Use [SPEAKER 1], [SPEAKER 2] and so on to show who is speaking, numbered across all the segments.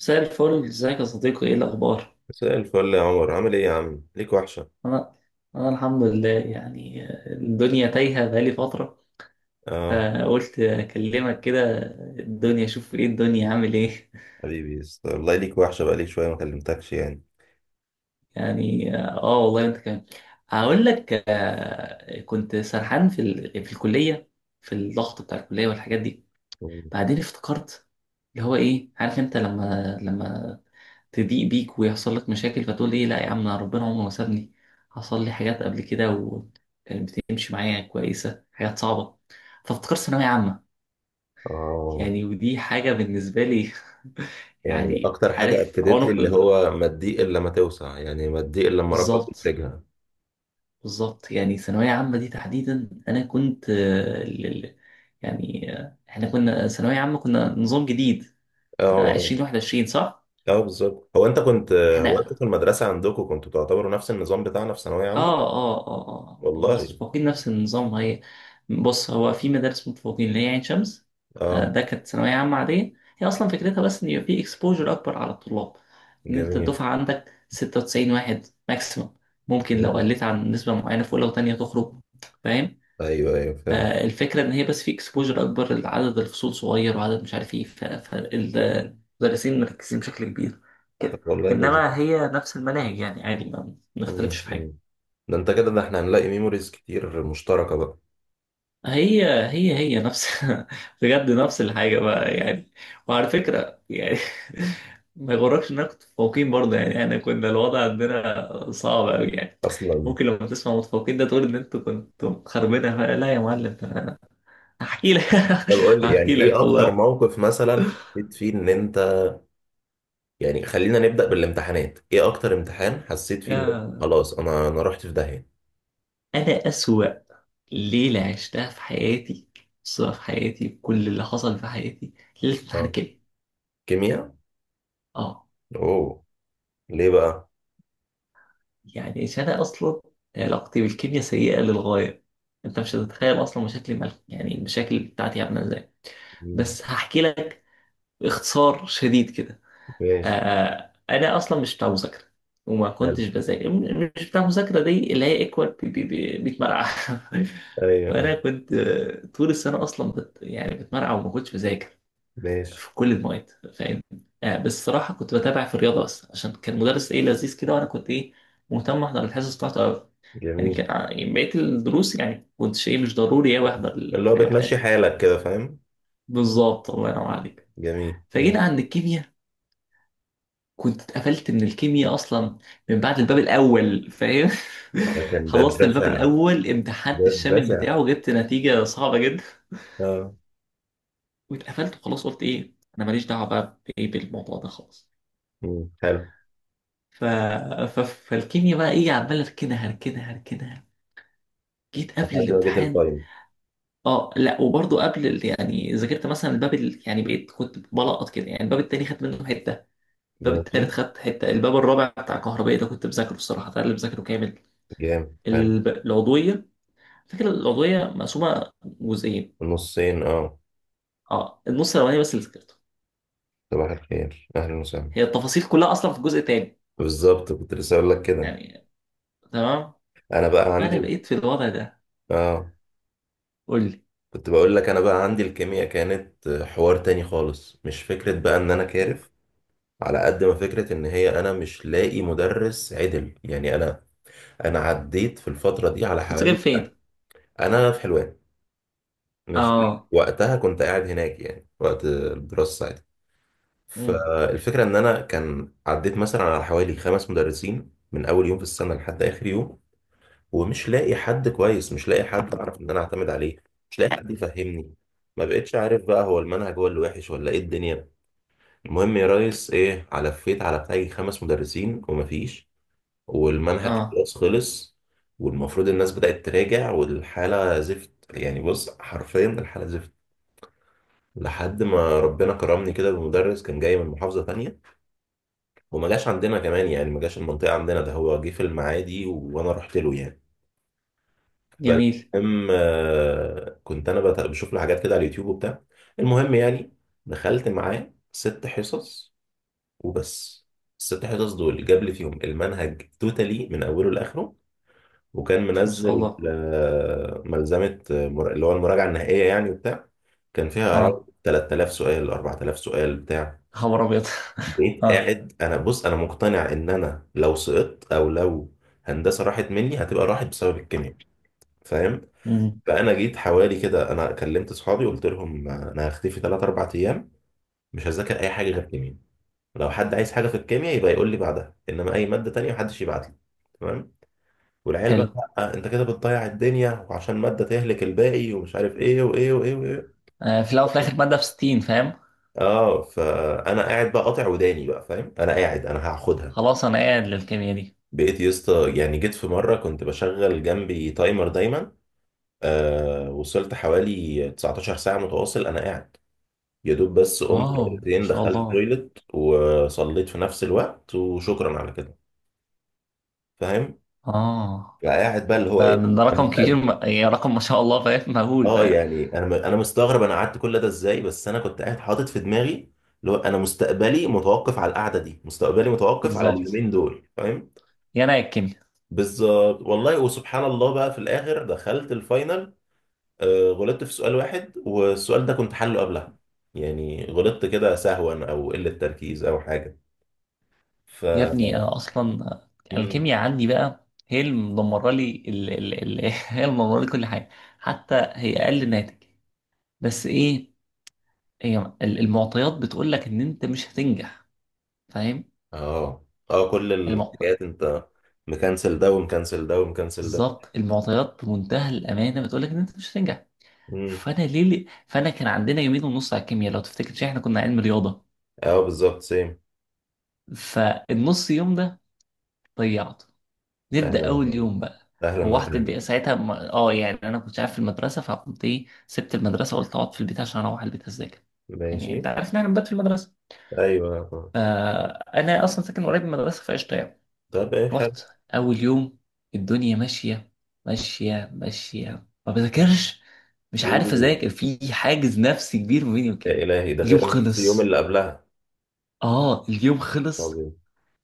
[SPEAKER 1] مساء الفل، ازيك يا صديقي؟ ايه الاخبار؟
[SPEAKER 2] مساء الفل يا عمر، عامل ايه يا عم؟ ليك وحشة.
[SPEAKER 1] انا انا الحمد لله يعني. الدنيا تايهه بقالي فتره،
[SPEAKER 2] اه.
[SPEAKER 1] فقلت اكلمك كده. الدنيا شوف، ايه الدنيا عامل ايه؟
[SPEAKER 2] حبيبي والله ليك وحشة بقالي شوية ما كلمتكش يعني.
[SPEAKER 1] يعني اه والله انت كمان. هقول لك كنت سرحان في في الكليه، في الضغط بتاع الكليه والحاجات دي.
[SPEAKER 2] مم.
[SPEAKER 1] بعدين افتكرت اللي هو ايه، عارف انت لما تضيق بيك ويحصل لك مشاكل فتقول ايه؟ لا يا عم، أنا ربنا عمره ما سابني. حصل لي حاجات قبل كده وكانت بتمشي معايا كويسة، حاجات صعبة، فافتكرت ثانوية عامة،
[SPEAKER 2] اه،
[SPEAKER 1] يعني ودي حاجة بالنسبة لي.
[SPEAKER 2] يعني
[SPEAKER 1] يعني
[SPEAKER 2] اكتر حاجة
[SPEAKER 1] عارف
[SPEAKER 2] اكدت لي
[SPEAKER 1] عنق
[SPEAKER 2] اللي هو ما تضيق الا لما توسع، يعني ما تضيق الا لما ربك
[SPEAKER 1] بالظبط.
[SPEAKER 2] يفرجها.
[SPEAKER 1] بالظبط، يعني ثانوية عامة دي تحديدا أنا كنت يعني احنا كنا ثانوية عامة، كنا نظام جديد،
[SPEAKER 2] اه.
[SPEAKER 1] عشرين
[SPEAKER 2] اه
[SPEAKER 1] واحد وعشرين، صح؟
[SPEAKER 2] آه، بالظبط. هو انت
[SPEAKER 1] احنا
[SPEAKER 2] في المدرسة عندكم كنتوا تعتبروا نفس النظام بتاعنا في ثانوية عامة؟
[SPEAKER 1] اه اه اه آه. مدرسة
[SPEAKER 2] والله.
[SPEAKER 1] المتفوقين نفس النظام هي. بص، هو في مدارس متفوقين اللي هي عين شمس.
[SPEAKER 2] اه.
[SPEAKER 1] ده كانت ثانوية عامة عادية. هي أصلا فكرتها بس إن يبقى في اكسبوجر أكبر على الطلاب، إن أنت
[SPEAKER 2] جميل.
[SPEAKER 1] الدفعة عندك 96 واحد ماكسيمم. ممكن لو
[SPEAKER 2] مم.
[SPEAKER 1] قلت عن نسبة معينة في أولى وتانية تخرج، فاهم؟
[SPEAKER 2] ايوه ايوه فهمت.
[SPEAKER 1] فالفكرة إن هي بس في اكسبوجر أكبر، لعدد الفصول صغير وعدد مش عارف إيه، فالمدرسين مركزين بشكل كبير
[SPEAKER 2] طب
[SPEAKER 1] كده.
[SPEAKER 2] والله لذيذ.
[SPEAKER 1] إنما هي نفس المناهج يعني، عادي، ما بنختلفش
[SPEAKER 2] مم،
[SPEAKER 1] في
[SPEAKER 2] مم.
[SPEAKER 1] حاجة.
[SPEAKER 2] ده انت كده، ده احنا هنلاقي ميموريز كتير مشتركة بقى.
[SPEAKER 1] هي نفس. بجد نفس الحاجة بقى يعني. وعلى فكرة يعني، ما يغركش اننا كنت متفوقين برضه، يعني احنا كنا الوضع عندنا صعب أوي يعني.
[SPEAKER 2] اصلا.
[SPEAKER 1] ممكن لما تسمع متفوقين ده تقول ان انتوا كنتوا خربانة بقى. لا يا معلم، ده أنا هحكي لك.
[SPEAKER 2] طب قول لي يعني
[SPEAKER 1] هحكي
[SPEAKER 2] ايه
[SPEAKER 1] لك
[SPEAKER 2] اكتر
[SPEAKER 1] والله.
[SPEAKER 2] موقف مثلا حسيت فيه ان انت. يعني خلينا نبدأ بالامتحانات. ايه اكتر امتحان حسيت فيه ان
[SPEAKER 1] يا
[SPEAKER 2] انت خلاص انا رحت في داهية؟
[SPEAKER 1] انا أسوأ ليلة عشتها في حياتي، أسوأ في حياتي، كل اللي حصل في حياتي ليلة امتحان
[SPEAKER 2] اه.
[SPEAKER 1] الكيمياء.
[SPEAKER 2] كيمياء.
[SPEAKER 1] اه،
[SPEAKER 2] اوه. ليه بقى؟
[SPEAKER 1] يعني انا اصلا علاقتي بالكيمياء سيئه للغايه. انت مش هتتخيل اصلا مشاكلي مع، يعني المشاكل بتاعتي عامله ازاي.
[SPEAKER 2] مم.
[SPEAKER 1] بس هحكي لك باختصار شديد كده.
[SPEAKER 2] ماشي.
[SPEAKER 1] انا اصلا مش بتاع مذاكره، وما
[SPEAKER 2] حلو.
[SPEAKER 1] كنتش بذاكر مش بتاع مذاكره، دي اللي هي اكوال بيتمرقع.
[SPEAKER 2] ايوه.
[SPEAKER 1] فانا كنت، طول السنه اصلا يعني بتمرقع وما كنتش بذاكر
[SPEAKER 2] ماشي.
[SPEAKER 1] في كل المواد، فاهم؟ آه بس الصراحه كنت بتابع في الرياضه بس، عشان كان مدرس ايه لذيذ كده، وانا كنت ايه مهتم احضر الحصص بتاعته قوي. يعني
[SPEAKER 2] جميل.
[SPEAKER 1] كان يعني بقيه الدروس يعني كنت ايه مش ضروري قوي احضر
[SPEAKER 2] اللي هو
[SPEAKER 1] الحاجه
[SPEAKER 2] بتمشي
[SPEAKER 1] بتاعتي.
[SPEAKER 2] حالك كده، فاهم.
[SPEAKER 1] بالظبط، الله ينور عليك.
[SPEAKER 2] جميل، ماشي.
[SPEAKER 1] فجينا عند الكيمياء، كنت اتقفلت من الكيمياء اصلا من بعد الباب الاول، فاهم؟
[SPEAKER 2] ده كان باب
[SPEAKER 1] خلصت الباب
[SPEAKER 2] بشع.
[SPEAKER 1] الاول، امتحنت
[SPEAKER 2] باب
[SPEAKER 1] الشامل
[SPEAKER 2] بشع.
[SPEAKER 1] بتاعه، جبت نتيجه صعبه جدا،
[SPEAKER 2] اه.
[SPEAKER 1] واتقفلت وخلاص. قلت ايه انا ماليش دعوه بقى بايه، بالموضوع ده خالص.
[SPEAKER 2] مم. حلو.
[SPEAKER 1] ف... فالكيميا بقى ايه، عمال اركنها اركنها. جيت
[SPEAKER 2] لحد
[SPEAKER 1] قبل
[SPEAKER 2] ما جيت
[SPEAKER 1] الامتحان،
[SPEAKER 2] الفاينل.
[SPEAKER 1] اه لا، وبرضه قبل يعني ذاكرت مثلا الباب يعني بقيت كنت بلقط كده، يعني الباب التاني خدت منه حته، الباب
[SPEAKER 2] ماشي.
[SPEAKER 1] التالت خدت حته، الباب الرابع بتاع كهربائي ده كنت بذاكره الصراحه، ده اللي بذاكره كامل.
[SPEAKER 2] جامد، حلو.
[SPEAKER 1] العضويه، فكرة العضويه مقسومه جزئين.
[SPEAKER 2] نصين، اه.
[SPEAKER 1] اه، النص الاولاني بس اللي ذاكرته،
[SPEAKER 2] صباح الخير، اهلا وسهلا.
[SPEAKER 1] هي التفاصيل كلها اصلا في الجزء التاني،
[SPEAKER 2] بالظبط، كنت لسه اقول لك كده.
[SPEAKER 1] يعني. تمام.
[SPEAKER 2] انا بقى
[SPEAKER 1] فانا
[SPEAKER 2] عندي.
[SPEAKER 1] بقيت في الوضع ده.
[SPEAKER 2] اه.
[SPEAKER 1] قول لي.
[SPEAKER 2] كنت بقول لك، انا بقى عندي الكيمياء كانت حوار تاني خالص. مش فكرة بقى ان انا كارف، على قد ما فكرة ان هي انا مش لاقي مدرس عدل. يعني انا. انا عديت في الفترة دي على
[SPEAKER 1] كنت جايب
[SPEAKER 2] حوالي.
[SPEAKER 1] فين؟
[SPEAKER 2] انا في حلوان. ماشي.
[SPEAKER 1] اه.
[SPEAKER 2] وقتها كنت قاعد هناك يعني وقت الدراسة ساعتها.
[SPEAKER 1] امم.
[SPEAKER 2] فالفكرة ان انا كان عديت مثلا على حوالي 5 مدرسين من اول يوم في السنة لحد اخر يوم. ومش لاقي حد كويس، مش لاقي حد اعرف ان انا اعتمد عليه. مش لاقي حد يفهمني. ما بقتش عارف بقى هو المنهج هو اللي وحش ولا ايه الدنيا. المهم يا ريس، ايه، علفيت على بتاعي 5 مدرسين ومفيش. والمنهج
[SPEAKER 1] اه.
[SPEAKER 2] خلاص خلص. والمفروض الناس بدأت تراجع والحالة زفت. يعني بص حرفيا الحالة زفت. لحد ما ربنا كرمني كده بمدرس كان جاي من محافظة تانية. وما جاش عندنا كمان، يعني ما جاش المنطقة عندنا ده. هو جه في المعادي وانا رحت له يعني.
[SPEAKER 1] جميل.
[SPEAKER 2] فالمهم كنت بشوف له حاجات كده على اليوتيوب وبتاع. المهم يعني دخلت معاه 6 حصص. وبس. الست حصص دول جاب لي فيهم المنهج توتالي من اوله لاخره. وكان
[SPEAKER 1] ما شاء
[SPEAKER 2] منزل
[SPEAKER 1] الله.
[SPEAKER 2] ملزمه، اللي هو المراجعه النهائيه يعني وبتاع. كان فيها حوالي
[SPEAKER 1] اه،
[SPEAKER 2] 3,000 سؤال 4,000 سؤال بتاع.
[SPEAKER 1] خبر ابيض.
[SPEAKER 2] بقيت
[SPEAKER 1] اه.
[SPEAKER 2] قاعد انا بص، انا مقتنع ان انا لو سقطت، او لو هندسه راحت مني هتبقى راحت بسبب الكيمياء، فاهم.
[SPEAKER 1] مم.
[SPEAKER 2] فانا جيت حوالي كده، انا كلمت اصحابي قلت لهم انا هختفي 3 4 ايام. مش هذاكر اي حاجه غير كيمياء. لو حد عايز حاجه في الكيمياء يبقى يقول لي بعدها، انما اي ماده تانية محدش يبعت لي. تمام. والعيال بقى:
[SPEAKER 1] حلو.
[SPEAKER 2] لأ، انت كده بتضيع الدنيا، وعشان ماده تهلك الباقي، ومش عارف ايه وايه وايه وايه.
[SPEAKER 1] آه، في الاول وفي الاخر ماده في 60، فاهم؟
[SPEAKER 2] اه. فانا قاعد بقى قاطع وداني، بقى فاهم انا قاعد انا هاخدها.
[SPEAKER 1] خلاص انا قاعد للكيمياء دي.
[SPEAKER 2] بقيت يا اسطى يعني جيت في مره كنت بشغل جنبي تايمر دايما. وصلت حوالي 19 ساعه متواصل انا قاعد. يا دوب بس قمت
[SPEAKER 1] واو، ما
[SPEAKER 2] مرتين
[SPEAKER 1] شاء
[SPEAKER 2] دخلت
[SPEAKER 1] الله.
[SPEAKER 2] التويلت وصليت في نفس الوقت، وشكرا على كده، فاهم.
[SPEAKER 1] اه،
[SPEAKER 2] فقاعد بقى اللي هو
[SPEAKER 1] ده,
[SPEAKER 2] ايه
[SPEAKER 1] ده ده
[SPEAKER 2] انا
[SPEAKER 1] رقم كبير،
[SPEAKER 2] مستقبل.
[SPEAKER 1] يعني رقم ما شاء الله، فاهم؟ مهول،
[SPEAKER 2] اه
[SPEAKER 1] فاهم؟
[SPEAKER 2] يعني انا انا مستغرب انا قعدت كل ده ازاي، بس انا كنت قاعد حاطط في دماغي اللي هو انا مستقبلي متوقف على القعده دي، مستقبلي متوقف على
[SPEAKER 1] بالظبط،
[SPEAKER 2] اليومين دول، فاهم.
[SPEAKER 1] يا انا يا الكيمياء.
[SPEAKER 2] بالظبط. والله وسبحان الله بقى في الاخر دخلت الفاينل. غلطت في سؤال واحد والسؤال ده كنت حله قبلها. يعني غلطت كده سهوا او قله تركيز او حاجه. ف
[SPEAKER 1] يا ابني انا اصلا الكيمياء عندي بقى هي اللي مدمره لي هي اللي مدمره لي كل حاجه. حتى هي اقل ناتج، بس ايه، هي المعطيات بتقول لك ان انت مش هتنجح، فاهم؟
[SPEAKER 2] اه. اه، كل
[SPEAKER 1] المعطيات،
[SPEAKER 2] الحاجات انت. مكنسل ده ومكنسل ده ومكنسل ده.
[SPEAKER 1] بالظبط، المعطيات بمنتهى الامانه بتقول لك ان انت مش هتنجح.
[SPEAKER 2] امم.
[SPEAKER 1] فانا كان عندنا يومين ونص على الكيمياء لو تفتكر، شيء احنا كنا علم رياضه.
[SPEAKER 2] اه بالظبط سيم.
[SPEAKER 1] فالنص يوم ده ضيعته.
[SPEAKER 2] اهلا
[SPEAKER 1] نبدا اول
[SPEAKER 2] وسهلا.
[SPEAKER 1] يوم بقى،
[SPEAKER 2] اهلا
[SPEAKER 1] روحت
[SPEAKER 2] وسهلا.
[SPEAKER 1] البيت ساعتها، اه يعني انا كنت عارف في المدرسه، فقمت ايه، سبت المدرسه وقلت اقعد في البيت، عشان اروح البيت اذاكر. يعني انت
[SPEAKER 2] ماشي.
[SPEAKER 1] عارف ان احنا بنبات في المدرسه،
[SPEAKER 2] ايوه.
[SPEAKER 1] انا اصلا ساكن قريب من المدرسه فقشطه يعني.
[SPEAKER 2] طب ايه،
[SPEAKER 1] رحت،
[SPEAKER 2] حلو.
[SPEAKER 1] اول يوم الدنيا ماشيه، ماشيه، ما بذاكرش، مش عارف
[SPEAKER 2] اوه.
[SPEAKER 1] اذاكر، في حاجز نفسي كبير ما بيني
[SPEAKER 2] يا
[SPEAKER 1] وكده.
[SPEAKER 2] الهي، ده
[SPEAKER 1] اليوم
[SPEAKER 2] غير النص يوم
[SPEAKER 1] خلص،
[SPEAKER 2] اللي قبلها.
[SPEAKER 1] اه اليوم
[SPEAKER 2] طب.
[SPEAKER 1] خلص،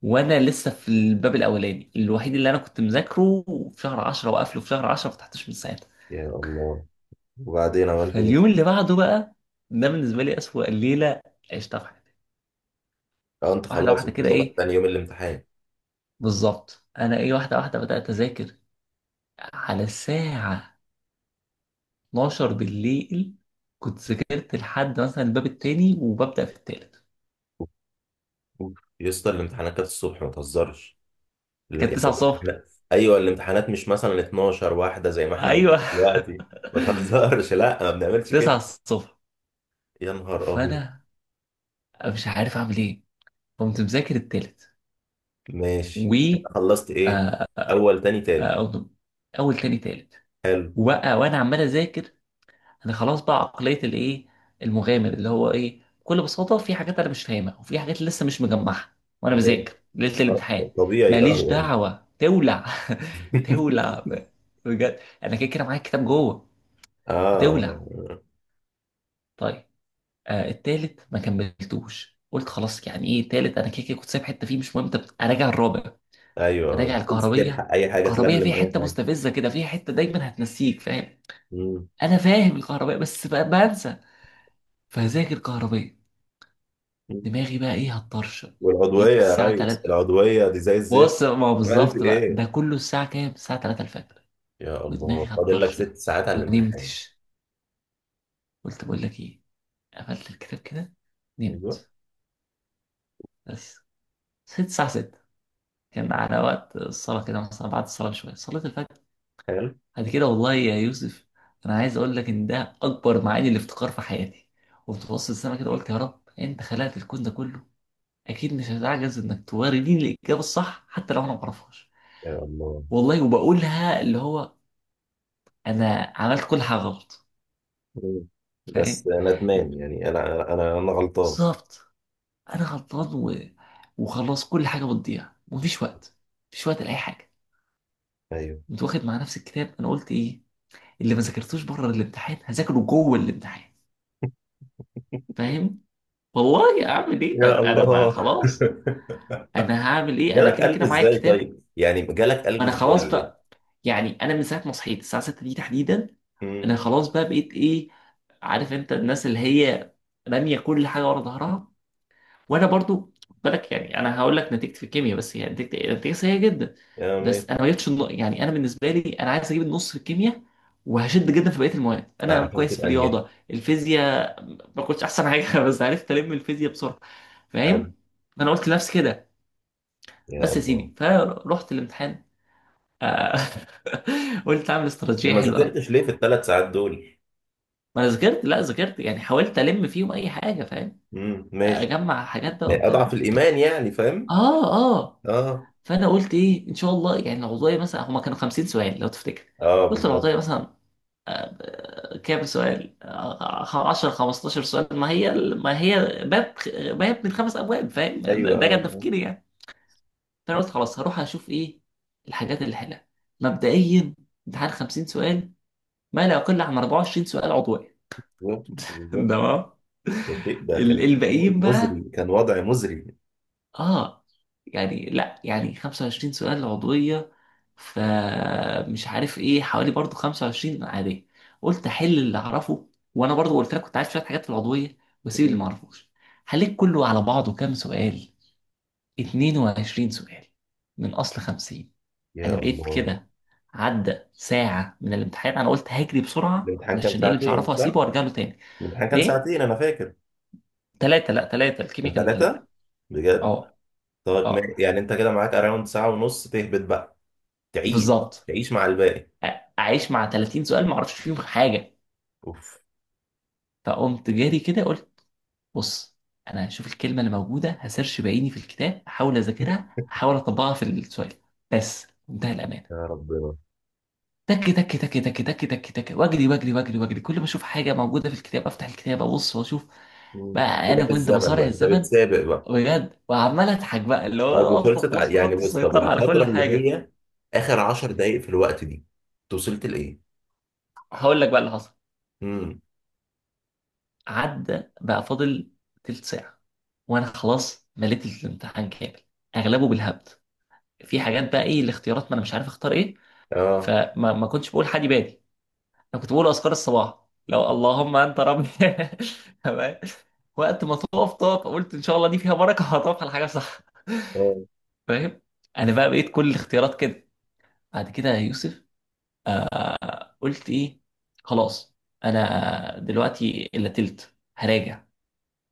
[SPEAKER 1] وانا لسه في الباب الاولاني الوحيد اللي انا كنت مذاكره في شهر 10 وقافله في شهر 10، ما فتحتوش من ساعتها.
[SPEAKER 2] يا الله. وبعدين عملت ايه؟
[SPEAKER 1] فاليوم اللي بعده بقى، ده بالنسبه لي اسوأ ليله عشتها في حياتي.
[SPEAKER 2] اه انت
[SPEAKER 1] واحده
[SPEAKER 2] خلاص،
[SPEAKER 1] واحده
[SPEAKER 2] انت
[SPEAKER 1] كده
[SPEAKER 2] صبح
[SPEAKER 1] ايه،
[SPEAKER 2] تاني يوم الامتحان.
[SPEAKER 1] بالظبط، انا ايه واحده واحده بدات اذاكر، على الساعه 12 بالليل. كنت ذاكرت لحد مثلا الباب التاني وببدأ في التالت.
[SPEAKER 2] أوف، أوف. يا اسطى الامتحانات كانت الصبح، ما تهزرش.
[SPEAKER 1] كانت
[SPEAKER 2] يعني
[SPEAKER 1] 9 الصبح،
[SPEAKER 2] ايوه الامتحانات مش مثلا 12 واحده زي ما احنا عايزين
[SPEAKER 1] ايوه.
[SPEAKER 2] دلوقتي. ما تهزرش، لا ما بنعملش
[SPEAKER 1] 9
[SPEAKER 2] كده.
[SPEAKER 1] الصبح.
[SPEAKER 2] يا نهار أبيض.
[SPEAKER 1] فانا مش عارف اعمل ايه، قمت مذاكر التالت،
[SPEAKER 2] ماشي.
[SPEAKER 1] و
[SPEAKER 2] خلصت إيه؟ أول تاني تالت.
[SPEAKER 1] آه، اول تاني تالت.
[SPEAKER 2] حلو.
[SPEAKER 1] وبقى وانا عمال اذاكر، انا خلاص بقى عقليه الايه، المغامر، اللي هو ايه، بكل بساطه في حاجات انا مش فاهمها، وفي حاجات لسه مش مجمعها، وانا
[SPEAKER 2] ماشي.
[SPEAKER 1] بذاكر ليله
[SPEAKER 2] آه،
[SPEAKER 1] الامتحان.
[SPEAKER 2] طبيعي أه
[SPEAKER 1] ماليش
[SPEAKER 2] يعني.
[SPEAKER 1] دعوه، تولع. تولع بجد انا كده كده معايا الكتاب جوه،
[SPEAKER 2] آه
[SPEAKER 1] هتولع.
[SPEAKER 2] آه.
[SPEAKER 1] طيب. آه، التالت ما كملتوش. قلت خلاص، يعني ايه التالت، انا كده كده كنت سايب حته فيه مش مهم، طب اراجع الرابع،
[SPEAKER 2] أيوه،
[SPEAKER 1] اراجع
[SPEAKER 2] عايز
[SPEAKER 1] الكهربيه.
[SPEAKER 2] تلحق أي حاجة
[SPEAKER 1] الكهربيه فيها
[SPEAKER 2] تلملم أي
[SPEAKER 1] حته
[SPEAKER 2] حاجة.
[SPEAKER 1] مستفزه كده، فيها حته دايما هتنسيك، فاهم؟
[SPEAKER 2] مم.
[SPEAKER 1] انا فاهم الكهربائي بس بنسى. فهذاكر كهربائي،
[SPEAKER 2] مم.
[SPEAKER 1] دماغي بقى ايه، هتطرشق.
[SPEAKER 2] والعضوية
[SPEAKER 1] جيت
[SPEAKER 2] يا
[SPEAKER 1] الساعة
[SPEAKER 2] ريس،
[SPEAKER 1] 3،
[SPEAKER 2] العضوية دي زي الزفت.
[SPEAKER 1] بص ما هو
[SPEAKER 2] عملت
[SPEAKER 1] بالظبط بقى،
[SPEAKER 2] إيه؟
[SPEAKER 1] ده كله الساعة كام؟ الساعة 3 الفجر،
[SPEAKER 2] يا
[SPEAKER 1] ودماغي
[SPEAKER 2] الله، فاضل لك
[SPEAKER 1] هتطرشق.
[SPEAKER 2] 6 ساعات على
[SPEAKER 1] ما
[SPEAKER 2] الامتحان.
[SPEAKER 1] نمتش. قلت بقول لك ايه، قفلت الكتاب كده،
[SPEAKER 2] أيوه.
[SPEAKER 1] نمت. بس صحيت الساعة 6، كان على وقت الصلاة كده، مثلا بعد الصلاة بشوية، صليت الفجر.
[SPEAKER 2] حلو.
[SPEAKER 1] بعد كده والله يا يوسف، أنا عايز أقول لك إن ده أكبر معاني الافتقار في حياتي. قمت بص للسما كده، قلت يا رب أنت خلقت الكون ده كله، أكيد مش هتعجز إنك تورديني الإجابة الصح حتى لو أنا ما أعرفهاش.
[SPEAKER 2] يا الله.
[SPEAKER 1] والله. وبقولها، اللي هو انا عملت كل حاجه غلط،
[SPEAKER 2] مم.
[SPEAKER 1] فاهم؟
[SPEAKER 2] بس ندمان يعني، أنا غلطان.
[SPEAKER 1] بالظبط. انا غلطان وخلاص، كل حاجه بتضيع، ومفيش وقت، مفيش وقت لاي حاجه.
[SPEAKER 2] أيوه.
[SPEAKER 1] كنت واخد مع نفس الكتاب، انا قلت ايه، اللي ما ذاكرتوش بره الامتحان هذاكره جوه الامتحان، فاهم؟ والله اعمل ايه؟ طيب
[SPEAKER 2] يا
[SPEAKER 1] انا ما
[SPEAKER 2] الله.
[SPEAKER 1] خلاص، انا هعمل ايه، انا
[SPEAKER 2] جالك
[SPEAKER 1] كده
[SPEAKER 2] قلب
[SPEAKER 1] كده معايا
[SPEAKER 2] ازاي
[SPEAKER 1] الكتاب.
[SPEAKER 2] طيب؟ يعني جالك قلب
[SPEAKER 1] ما انا خلاص
[SPEAKER 2] ازاي؟
[SPEAKER 1] بقى، يعني انا من ساعه ما صحيت الساعه 6 دي تحديدا، انا
[SPEAKER 2] امم.
[SPEAKER 1] خلاص بقى بقيت ايه، عارف انت الناس اللي هي راميه كل حاجه ورا ظهرها. وانا برضو، خد بالك، يعني انا هقول لك نتيجتي في الكيمياء، بس هي نتيجتي، نتيجة سيئه جدا،
[SPEAKER 2] يا مات.
[SPEAKER 1] بس انا ما جبتش يعني انا بالنسبه لي انا عايز اجيب النص في الكيمياء، وهشد جدا في بقيه المواد، انا
[SPEAKER 2] عشان
[SPEAKER 1] كويس في
[SPEAKER 2] تبقى نجحت.
[SPEAKER 1] الرياضه الفيزياء، ما كنتش احسن حاجه. بس عرفت الم الفيزياء بسرعه،
[SPEAKER 2] حلو.
[SPEAKER 1] فاهم؟ انا قلت لنفسي كده.
[SPEAKER 2] يا
[SPEAKER 1] بس يا
[SPEAKER 2] الله.
[SPEAKER 1] سيدي، فرحت الامتحان آه، قلت اعمل
[SPEAKER 2] طب
[SPEAKER 1] استراتيجيه
[SPEAKER 2] ما
[SPEAKER 1] حلوه قوي.
[SPEAKER 2] ذاكرتش ليه في الثلاث ساعات دول؟
[SPEAKER 1] ما انا ذاكرت، لا ذاكرت يعني، حاولت الم فيهم اي حاجه، فاهم؟
[SPEAKER 2] امم، ماشي.
[SPEAKER 1] اجمع حاجات بقى
[SPEAKER 2] يعني
[SPEAKER 1] وبتاع.
[SPEAKER 2] اضعف الايمان يعني، فاهم؟
[SPEAKER 1] اه اه.
[SPEAKER 2] اه،
[SPEAKER 1] فانا قلت ايه، ان شاء الله يعني، العضويه مثلا هما كانوا 50 سؤال لو تفتكر.
[SPEAKER 2] اه.
[SPEAKER 1] قلت العضويه
[SPEAKER 2] بالظبط.
[SPEAKER 1] مثلا كام سؤال، 10 15 سؤال، ما هي باب، باب من خمس ابواب، فاهم؟
[SPEAKER 2] ايوه
[SPEAKER 1] ده
[SPEAKER 2] اه
[SPEAKER 1] كان
[SPEAKER 2] آه.
[SPEAKER 1] تفكيري يعني. فانا قلت خلاص، هروح اشوف ايه الحاجات اللي حلها. مبدئيا امتحان 50 سؤال، ما لا يقل عن 24 سؤال عضويه.
[SPEAKER 2] بالظبط، بالظبط.
[SPEAKER 1] تمام.
[SPEAKER 2] ده شيء، ده كان شيء
[SPEAKER 1] الباقيين
[SPEAKER 2] مزري،
[SPEAKER 1] بقى،
[SPEAKER 2] كان وضع مزري.
[SPEAKER 1] اه، يعني لا يعني 25 سؤال عضوية، فمش عارف ايه، حوالي برضو 25 عادية. قلت احل اللي اعرفه، وانا برضو قلت لك كنت عارف شوية حاجات في العضوية، واسيب اللي ما
[SPEAKER 2] مم.
[SPEAKER 1] اعرفوش. حليت كله على بعضه كام سؤال؟ 22 سؤال من اصل 50. انا
[SPEAKER 2] يا
[SPEAKER 1] بقيت
[SPEAKER 2] الله.
[SPEAKER 1] كده، عدى ساعة من الامتحان، انا قلت هجري بسرعة،
[SPEAKER 2] الامتحان كان
[SPEAKER 1] علشان ايه اللي مش
[SPEAKER 2] ساعتين
[SPEAKER 1] هعرفه
[SPEAKER 2] صح؟
[SPEAKER 1] هسيبه وارجع له تاني.
[SPEAKER 2] الامتحان كان
[SPEAKER 1] ايه،
[SPEAKER 2] ساعتين انا فاكر.
[SPEAKER 1] ثلاثة، لا ثلاثة،
[SPEAKER 2] كان
[SPEAKER 1] الكيمياء كان ثلاثة.
[SPEAKER 2] ثلاثة. بجد.
[SPEAKER 1] اه
[SPEAKER 2] طب
[SPEAKER 1] اه،
[SPEAKER 2] يعني انت كده معاك اراوند ساعة ونص تهبط بقى. تعيش.
[SPEAKER 1] بالظبط.
[SPEAKER 2] تعيش مع الباقي.
[SPEAKER 1] اعيش مع 30 سؤال ما اعرفش فيهم حاجه.
[SPEAKER 2] اوف.
[SPEAKER 1] فقمت جاري كده قلت، بص، انا هشوف الكلمه اللي موجوده هسيرش بعيني في الكتاب، احاول اذاكرها احاول اطبقها في السؤال، بس منتهى الامانه.
[SPEAKER 2] يا ربنا.
[SPEAKER 1] تك تك تك تك تك تك تك، واجري واجري واجري واجري، كل ما اشوف حاجه موجوده في الكتاب افتح الكتاب ابص واشوف.
[SPEAKER 2] مم.
[SPEAKER 1] بقى انا
[SPEAKER 2] سباق
[SPEAKER 1] كنت
[SPEAKER 2] الزمن بقى،
[SPEAKER 1] بصارع
[SPEAKER 2] انت
[SPEAKER 1] الزمن
[SPEAKER 2] بتسابق بقى.
[SPEAKER 1] بجد، وعمال اضحك بقى، اللي هو
[SPEAKER 2] طب
[SPEAKER 1] انا اصلا
[SPEAKER 2] وخلصت
[SPEAKER 1] خلاص
[SPEAKER 2] يعني
[SPEAKER 1] فقدت
[SPEAKER 2] بص طب
[SPEAKER 1] السيطره على
[SPEAKER 2] الفترة
[SPEAKER 1] كل
[SPEAKER 2] اللي
[SPEAKER 1] حاجه.
[SPEAKER 2] هي اخر 10 دقايق في الوقت دي انت وصلت لايه؟
[SPEAKER 1] هقول لك بقى اللي حصل.
[SPEAKER 2] امم.
[SPEAKER 1] عدى بقى، فاضل تلت ساعة، وأنا خلاص مليت الامتحان كامل، أغلبه بالهبد، في حاجات بقى إيه الاختيارات ما أنا مش عارف أختار إيه.
[SPEAKER 2] اه.
[SPEAKER 1] فما ما كنتش بقول حادي بادي، أنا كنت بقول أذكار الصباح، لو اللهم أنت ربي. تمام. وقت ما تقف تقف، قلت إن شاء الله دي فيها بركة، هتقف على حاجة صح،
[SPEAKER 2] اه.
[SPEAKER 1] فاهم؟ أنا بقى بقيت كل الاختيارات كده. بعد كده يا يوسف، قلت إيه، خلاص، أنا دلوقتي إلا تلت هراجع.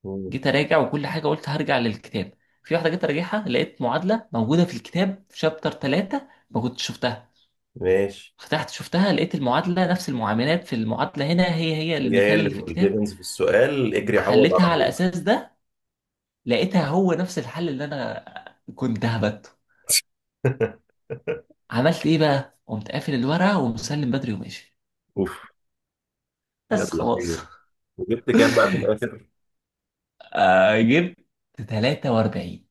[SPEAKER 2] مم.
[SPEAKER 1] جيت اراجع وكل حاجه قلت هرجع للكتاب. في واحده جيت اراجعها، لقيت معادله موجوده في الكتاب في شابتر 3 ما كنتش شفتها.
[SPEAKER 2] ماشي.
[SPEAKER 1] فتحت شفتها، لقيت المعادله نفس المعاملات في المعادله، هنا هي هي
[SPEAKER 2] هي هي
[SPEAKER 1] المثال
[SPEAKER 2] اللي
[SPEAKER 1] اللي في الكتاب،
[SPEAKER 2] الجيفنز في السؤال، اجري عوض
[SPEAKER 1] حليتها
[SPEAKER 2] على
[SPEAKER 1] على
[SPEAKER 2] طول.
[SPEAKER 1] اساس ده. لقيتها هو نفس الحل اللي انا كنت هبته. عملت ايه بقى، قمت قافل الورقه ومسلم بدري وماشي،
[SPEAKER 2] اوف.
[SPEAKER 1] بس
[SPEAKER 2] يلا
[SPEAKER 1] خلاص.
[SPEAKER 2] خير. وجبت كام بقى في الاخر؟
[SPEAKER 1] جبت 43.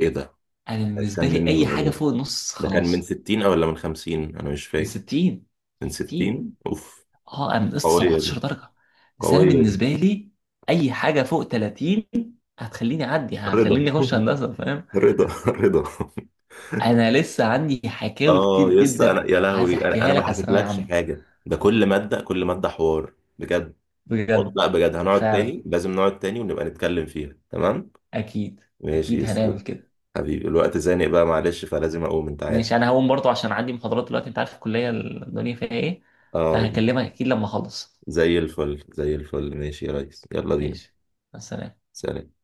[SPEAKER 2] ايه ده؟
[SPEAKER 1] انا بالنسبه
[SPEAKER 2] كان من
[SPEAKER 1] لي اي حاجه
[SPEAKER 2] من-
[SPEAKER 1] فوق النص
[SPEAKER 2] ده كان من
[SPEAKER 1] خلاص.
[SPEAKER 2] 60 او ولا من 50، انا مش
[SPEAKER 1] من
[SPEAKER 2] فاكر.
[SPEAKER 1] 60. من
[SPEAKER 2] من
[SPEAKER 1] 60،
[SPEAKER 2] 60. اوف.
[SPEAKER 1] اه. انا نقصت
[SPEAKER 2] قوية دي.
[SPEAKER 1] 17 درجه، بس انا
[SPEAKER 2] قوية دي.
[SPEAKER 1] بالنسبه لي اي حاجه فوق 30 هتخليني اعدي،
[SPEAKER 2] رضا.
[SPEAKER 1] هخليني اخش هندسه، فاهم؟
[SPEAKER 2] رضا، رضا.
[SPEAKER 1] انا لسه عندي حكاوي
[SPEAKER 2] اه
[SPEAKER 1] كتير
[SPEAKER 2] يا اسطى انا
[SPEAKER 1] جدا،
[SPEAKER 2] يا
[SPEAKER 1] عايز
[SPEAKER 2] لهوي، انا
[SPEAKER 1] احكيها لك
[SPEAKER 2] ما
[SPEAKER 1] على الثانويه
[SPEAKER 2] حكيتلكش
[SPEAKER 1] عامه.
[SPEAKER 2] حاجه، ده كل ماده، كل ماده حوار. بجد. والله
[SPEAKER 1] بجد.
[SPEAKER 2] لا بجد هنقعد
[SPEAKER 1] فعلا.
[SPEAKER 2] تاني، لازم نقعد تاني ونبقى نتكلم فيها. تمام.
[SPEAKER 1] اكيد.
[SPEAKER 2] ماشي يا
[SPEAKER 1] اكيد هنعمل
[SPEAKER 2] اسطى.
[SPEAKER 1] كده.
[SPEAKER 2] حبيبي الوقت زانق بقى، معلش، فلازم اقوم، انت عارف.
[SPEAKER 1] ماشي، انا هقوم برضو عشان عندي محاضرات دلوقتي، انت عارف الكليه الدنيا فيها ايه.
[SPEAKER 2] اه.
[SPEAKER 1] فهكلمك اكيد لما اخلص.
[SPEAKER 2] زي الفل، زي الفل. ماشي يا ريس، يلا بينا.
[SPEAKER 1] ماشي، مع السلامه.
[SPEAKER 2] سلام.